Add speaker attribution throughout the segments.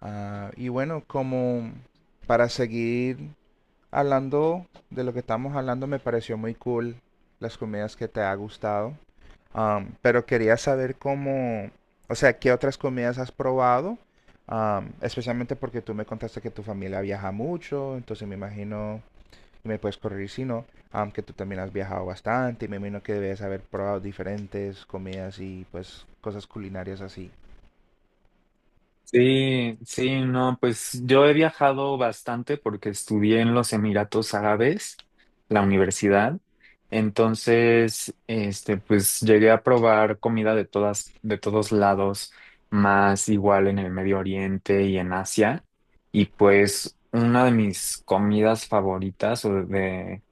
Speaker 1: Ah, y bueno, como para seguir hablando de lo que estamos hablando, me pareció muy cool las comidas que te ha gustado. Pero quería saber cómo, o sea, qué otras comidas has probado, especialmente porque tú me contaste que tu familia viaja mucho, entonces me imagino, y me puedes corregir si no, que tú también has viajado bastante, y me imagino que debes haber probado diferentes comidas y pues cosas culinarias así.
Speaker 2: Sí, sí, no, pues yo he viajado bastante porque estudié en los Emiratos Árabes, la universidad. Entonces, pues llegué a probar comida de todos lados, más igual en el Medio Oriente y en Asia. Y pues una de mis comidas favoritas o de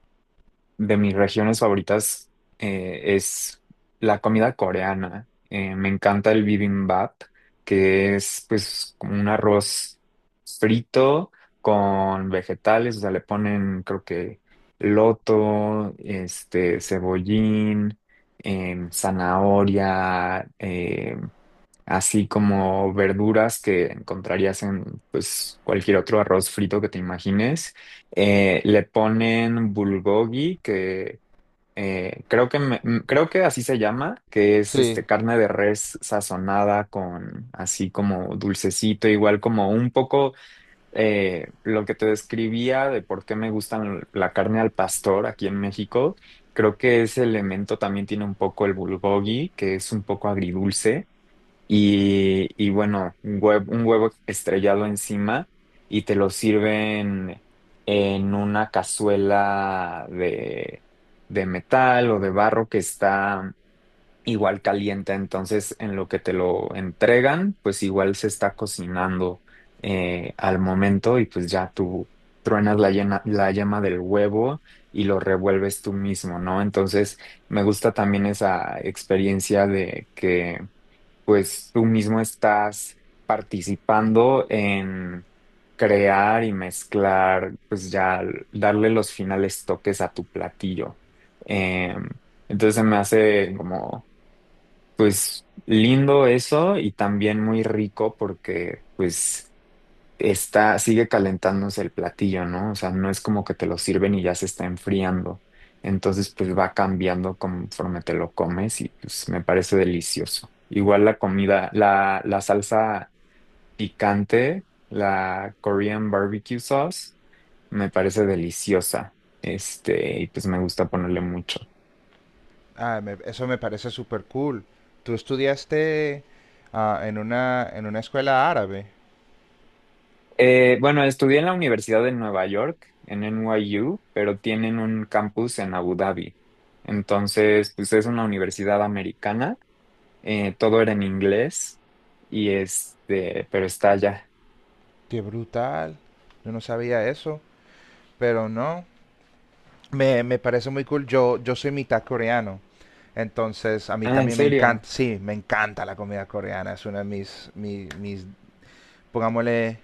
Speaker 2: de mis regiones favoritas es la comida coreana. Me encanta el bibimbap, que es pues como un arroz frito con vegetales. O sea, le ponen creo que loto, cebollín, zanahoria, así como verduras que encontrarías en pues cualquier otro arroz frito que te imagines. Le ponen bulgogi, que creo que creo que así se llama, que es
Speaker 1: Sí,
Speaker 2: este carne de res sazonada con así como dulcecito, igual como un poco lo que te describía de por qué me gustan la carne al pastor aquí en México. Creo que ese elemento también tiene un poco el bulgogi, que es un poco agridulce y bueno, un huevo estrellado encima y te lo sirven en una cazuela de metal o de barro que está igual caliente. Entonces, en lo que te lo entregan, pues igual se está cocinando al momento y pues ya tú truenas la yema del huevo y lo revuelves tú mismo, ¿no? Entonces, me gusta también esa experiencia de que pues tú mismo estás participando en crear y mezclar, pues ya darle los finales toques a tu platillo. Eh, entonces se me hace como pues lindo eso, y también muy rico porque pues está, sigue calentándose el platillo, ¿no? O sea, no es como que te lo sirven y ya se está enfriando. Entonces, pues va cambiando conforme te lo comes y pues me parece delicioso. Igual la comida, la salsa picante, la Korean barbecue sauce, me parece deliciosa. Y pues me gusta ponerle mucho.
Speaker 1: ah, eso me parece súper cool. Tú estudiaste en una escuela árabe.
Speaker 2: Bueno, estudié en la Universidad de Nueva York, en NYU, pero tienen un campus en Abu Dhabi. Entonces, pues es una universidad americana, todo era en inglés, y este, pero está allá.
Speaker 1: Qué brutal. Yo no sabía eso, pero no. Me parece muy cool. Yo soy mitad coreano. Entonces, a mí
Speaker 2: Ah, ¿en
Speaker 1: también me
Speaker 2: serio?
Speaker 1: encanta, sí, me encanta la comida coreana. Es una de mis, mis, pongámosle,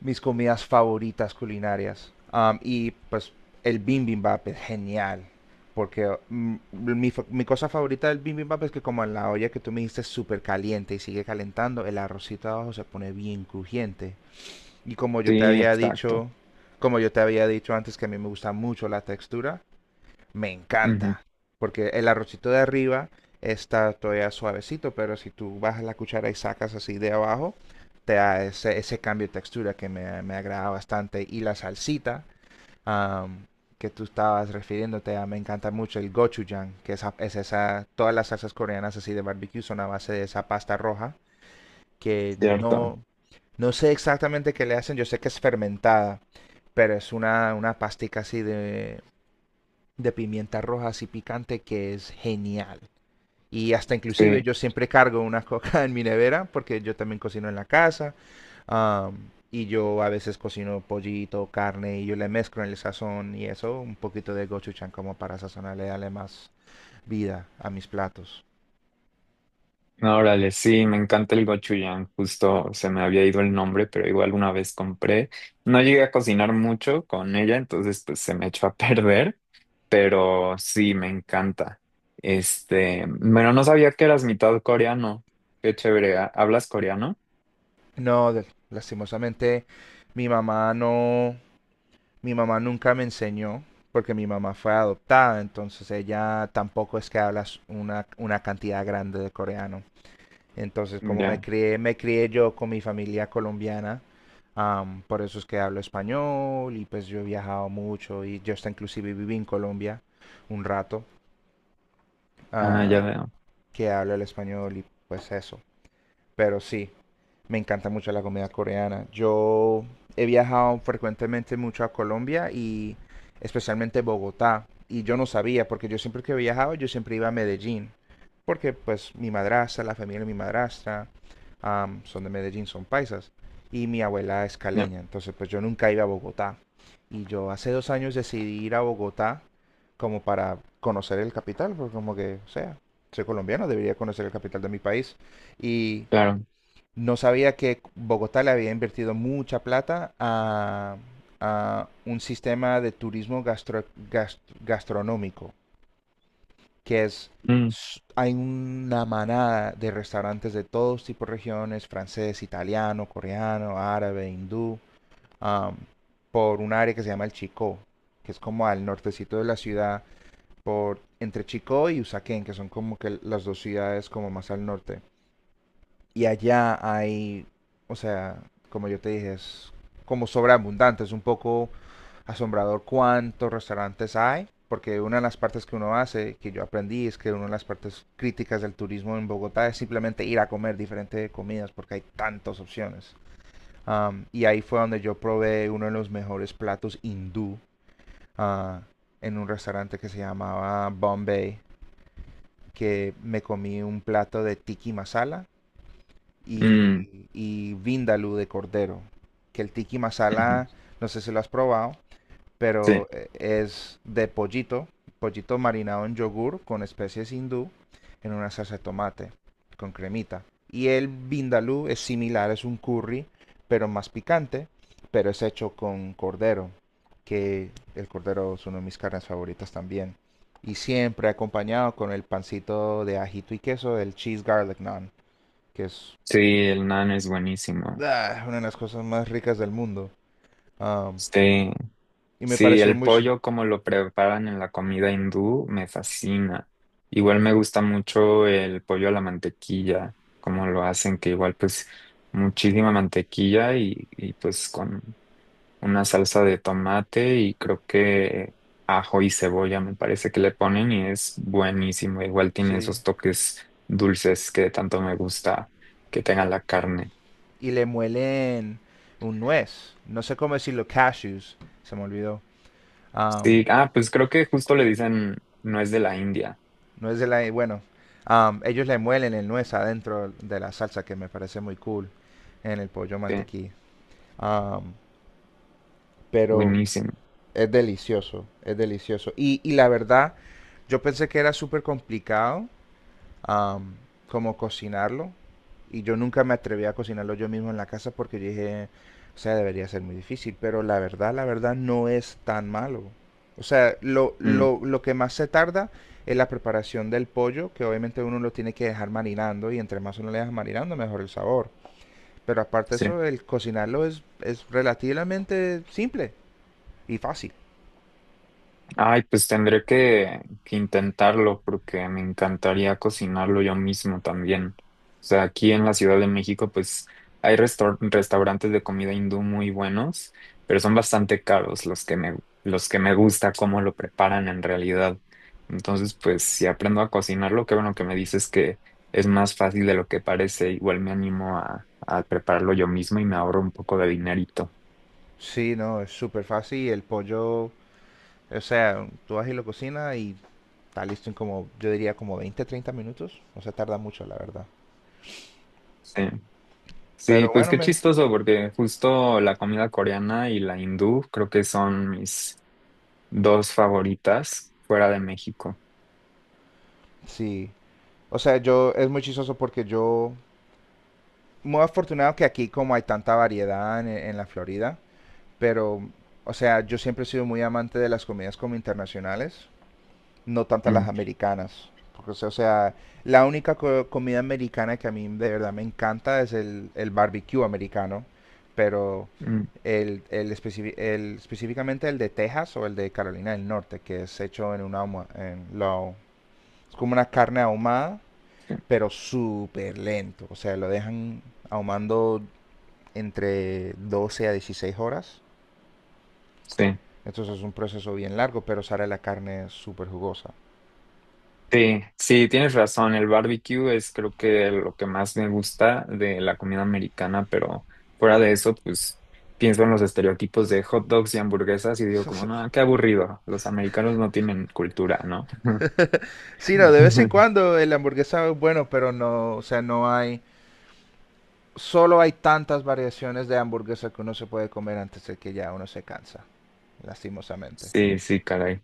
Speaker 1: mis comidas favoritas culinarias. Y pues el bibimbap es genial. Porque mi, mi cosa favorita del bibimbap es que como en la olla que tú me dijiste es súper caliente y sigue calentando, el arrocito abajo se pone bien crujiente. Y como yo te
Speaker 2: Sí,
Speaker 1: había
Speaker 2: exacto.
Speaker 1: dicho, como yo te había dicho antes que a mí me gusta mucho la textura, me
Speaker 2: Ujú,
Speaker 1: encanta. Porque el arrocito de arriba está todavía suavecito, pero si tú bajas la cuchara y sacas así de abajo, te da ese, ese cambio de textura que me agrada bastante. Y la salsita am, que tú estabas refiriéndote a, me encanta mucho el gochujang, que es esa, todas las salsas coreanas así de barbecue son a base de esa pasta roja, que
Speaker 2: cierto.
Speaker 1: no, no sé exactamente qué le hacen, yo sé que es fermentada, pero es una pastica así de pimienta roja así picante que es genial. Y hasta inclusive
Speaker 2: Sí.
Speaker 1: yo siempre cargo una coca en mi nevera porque yo también cocino en la casa. um, y yo a veces cocino pollito, carne y yo le mezclo en el sazón y eso, un poquito de gochujang como para sazonarle, darle más vida a mis platos.
Speaker 2: No. Órale, sí, me encanta el gochujang, justo se me había ido el nombre, pero igual una vez compré. No llegué a cocinar mucho con ella, entonces pues se me echó a perder, pero sí, me encanta. Este, bueno, no sabía que eras mitad coreano. Qué chévere, ¿hablas coreano?
Speaker 1: No, lastimosamente mi mamá no, mi mamá nunca me enseñó porque mi mamá fue adoptada, entonces ella tampoco es que habla una cantidad grande de coreano. Entonces,
Speaker 2: Mm,
Speaker 1: como
Speaker 2: ya.
Speaker 1: me crié yo con mi familia colombiana, por eso es que hablo español y pues yo he viajado mucho y yo hasta inclusive viví en Colombia un rato,
Speaker 2: Ah, ya
Speaker 1: ah,
Speaker 2: veo,
Speaker 1: que hablo el español y pues eso. Pero sí, me encanta mucho la comida coreana. Yo he viajado frecuentemente mucho a Colombia y especialmente Bogotá. Y yo no sabía, porque yo siempre que viajaba, yo siempre iba a Medellín. Porque pues mi madrastra, la familia de mi madrastra, son de Medellín, son paisas. Y mi abuela es
Speaker 2: ya,
Speaker 1: caleña. Entonces pues yo nunca iba a Bogotá. Y yo hace 2 años decidí ir a Bogotá como para conocer el capital, porque como que, o sea, soy colombiano, debería conocer el capital de mi país. Y
Speaker 2: claro.
Speaker 1: no sabía que Bogotá le había invertido mucha plata a un sistema de turismo gastronómico, que es,
Speaker 2: Mm,
Speaker 1: hay una manada de restaurantes de todos tipos de regiones, francés, italiano, coreano, árabe, hindú, am, por un área que se llama el Chicó, que es como al nortecito de la ciudad, por entre Chicó y Usaquén, que son como que las dos ciudades como más al norte. Y allá hay, o sea, como yo te dije, es como sobreabundante, es un poco asombrador cuántos restaurantes hay, porque una de las partes que uno hace, que yo aprendí, es que una de las partes críticas del turismo en Bogotá es simplemente ir a comer diferentes comidas, porque hay tantas opciones. Y ahí fue donde yo probé uno de los mejores platos hindú ah, en un restaurante que se llamaba Bombay, que me comí un plato de tiki masala,
Speaker 2: mm,
Speaker 1: y vindaloo de cordero. Que el tiki
Speaker 2: ujú.
Speaker 1: masala, no sé si lo has probado, pero
Speaker 2: Sí,
Speaker 1: es de pollito, pollito marinado en yogur con especies hindú en una salsa de tomate con cremita. Y el vindaloo es similar, es un curry, pero más picante, pero es hecho con cordero, que el cordero es una de mis carnes favoritas también. Y siempre acompañado con el pancito de ajito y queso, el cheese garlic naan, que es
Speaker 2: sí, el nan es buenísimo.
Speaker 1: ah, una de las cosas más ricas del mundo. Am,
Speaker 2: Sí.
Speaker 1: y me
Speaker 2: Sí,
Speaker 1: pareció
Speaker 2: el
Speaker 1: mucho,
Speaker 2: pollo como lo preparan en la comida hindú me fascina. Igual me gusta mucho el pollo a la mantequilla, como lo hacen, que igual pues muchísima mantequilla, y pues con una salsa de tomate y creo que ajo y cebolla me parece que le ponen, y es buenísimo. Igual tiene
Speaker 1: sí.
Speaker 2: esos toques dulces que tanto me gusta que tenga la carne.
Speaker 1: Y le muelen un nuez. No sé cómo decirlo, cashews. Se me olvidó. Am,
Speaker 2: Sí, ah, pues creo que justo le dicen, no es de la India.
Speaker 1: Nuez de la... Bueno, ellos le muelen el nuez adentro de la salsa que me parece muy cool en el pollo
Speaker 2: Sí,
Speaker 1: mantequilla. Am, pero
Speaker 2: buenísimo.
Speaker 1: es delicioso, es delicioso. Y la verdad, yo pensé que era súper complicado am, como cocinarlo. Y yo nunca me atreví a cocinarlo yo mismo en la casa porque dije, o sea, debería ser muy difícil. Pero la verdad no es tan malo. O sea,
Speaker 2: Mm.
Speaker 1: lo que más se tarda es la preparación del pollo, que obviamente uno lo tiene que dejar marinando y entre más uno le deja marinando, mejor el sabor. Pero aparte de
Speaker 2: Sí.
Speaker 1: eso, el cocinarlo es relativamente simple y fácil.
Speaker 2: Ay, pues tendré que intentarlo porque me encantaría cocinarlo yo mismo también. O sea, aquí en la Ciudad de México, pues hay restaurantes de comida hindú muy buenos, pero son bastante caros los que me gusta cómo lo preparan en realidad. Entonces, pues si aprendo a cocinarlo, qué bueno que me dices que es más fácil de lo que parece. Igual me animo a prepararlo yo mismo y me ahorro un poco de dinerito.
Speaker 1: Sí, no, es súper fácil el pollo. O sea, tú vas y lo cocinas y está listo en como, yo diría como 20, 30 minutos. O sea, tarda mucho, la verdad.
Speaker 2: Sí. Sí,
Speaker 1: Pero
Speaker 2: pues
Speaker 1: bueno,
Speaker 2: qué
Speaker 1: me,
Speaker 2: chistoso, porque justo la comida coreana y la hindú creo que son mis dos favoritas fuera de México.
Speaker 1: sí. O sea, yo es muy chistoso porque yo, muy afortunado que aquí como hay tanta variedad en la Florida, pero, o sea, yo siempre he sido muy amante de las comidas como internacionales. No tantas las
Speaker 2: Mm,
Speaker 1: americanas. Porque, o sea, la única comida americana que a mí de verdad me encanta es el barbecue americano, pero
Speaker 2: mm,
Speaker 1: el, específicamente el de Texas o el de Carolina del Norte, que es hecho en una es como una carne ahumada,
Speaker 2: sí,
Speaker 1: pero súper lento. O sea, lo dejan ahumando entre 12 a 16 horas.
Speaker 2: sí,
Speaker 1: Entonces es un proceso bien largo, pero sale la carne súper jugosa.
Speaker 2: sí, tienes razón. El barbecue es creo que lo que más me gusta de la comida americana, pero fuera de eso, pues pienso en los estereotipos de hot dogs y hamburguesas y digo como, no, qué aburrido. Los americanos no tienen cultura, ¿no?
Speaker 1: Sí, no, de vez en cuando el hamburguesa es bueno, pero no, o sea, no hay, solo hay tantas variaciones de hamburguesa que uno se puede comer antes de que ya uno se cansa, lastimosamente.
Speaker 2: Sí, sí, caray.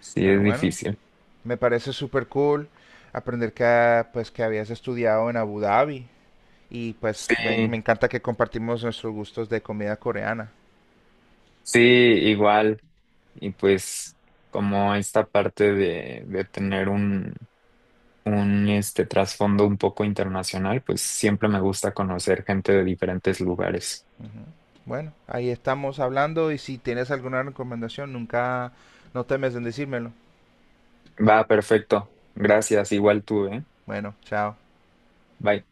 Speaker 2: Sí,
Speaker 1: Pero
Speaker 2: es
Speaker 1: bueno,
Speaker 2: difícil.
Speaker 1: me parece súper cool aprender que, pues, que habías estudiado en Abu Dhabi y pues
Speaker 2: Sí,
Speaker 1: me encanta que compartimos nuestros gustos de comida coreana.
Speaker 2: sí, igual. Y pues como esta parte de tener un este trasfondo un poco internacional, pues siempre me gusta conocer gente de diferentes lugares.
Speaker 1: Bueno, ahí estamos hablando y si tienes alguna recomendación, nunca, no temes en decírmelo.
Speaker 2: Va, perfecto. Gracias, igual tú, ¿eh?
Speaker 1: Bueno, chao.
Speaker 2: Bye.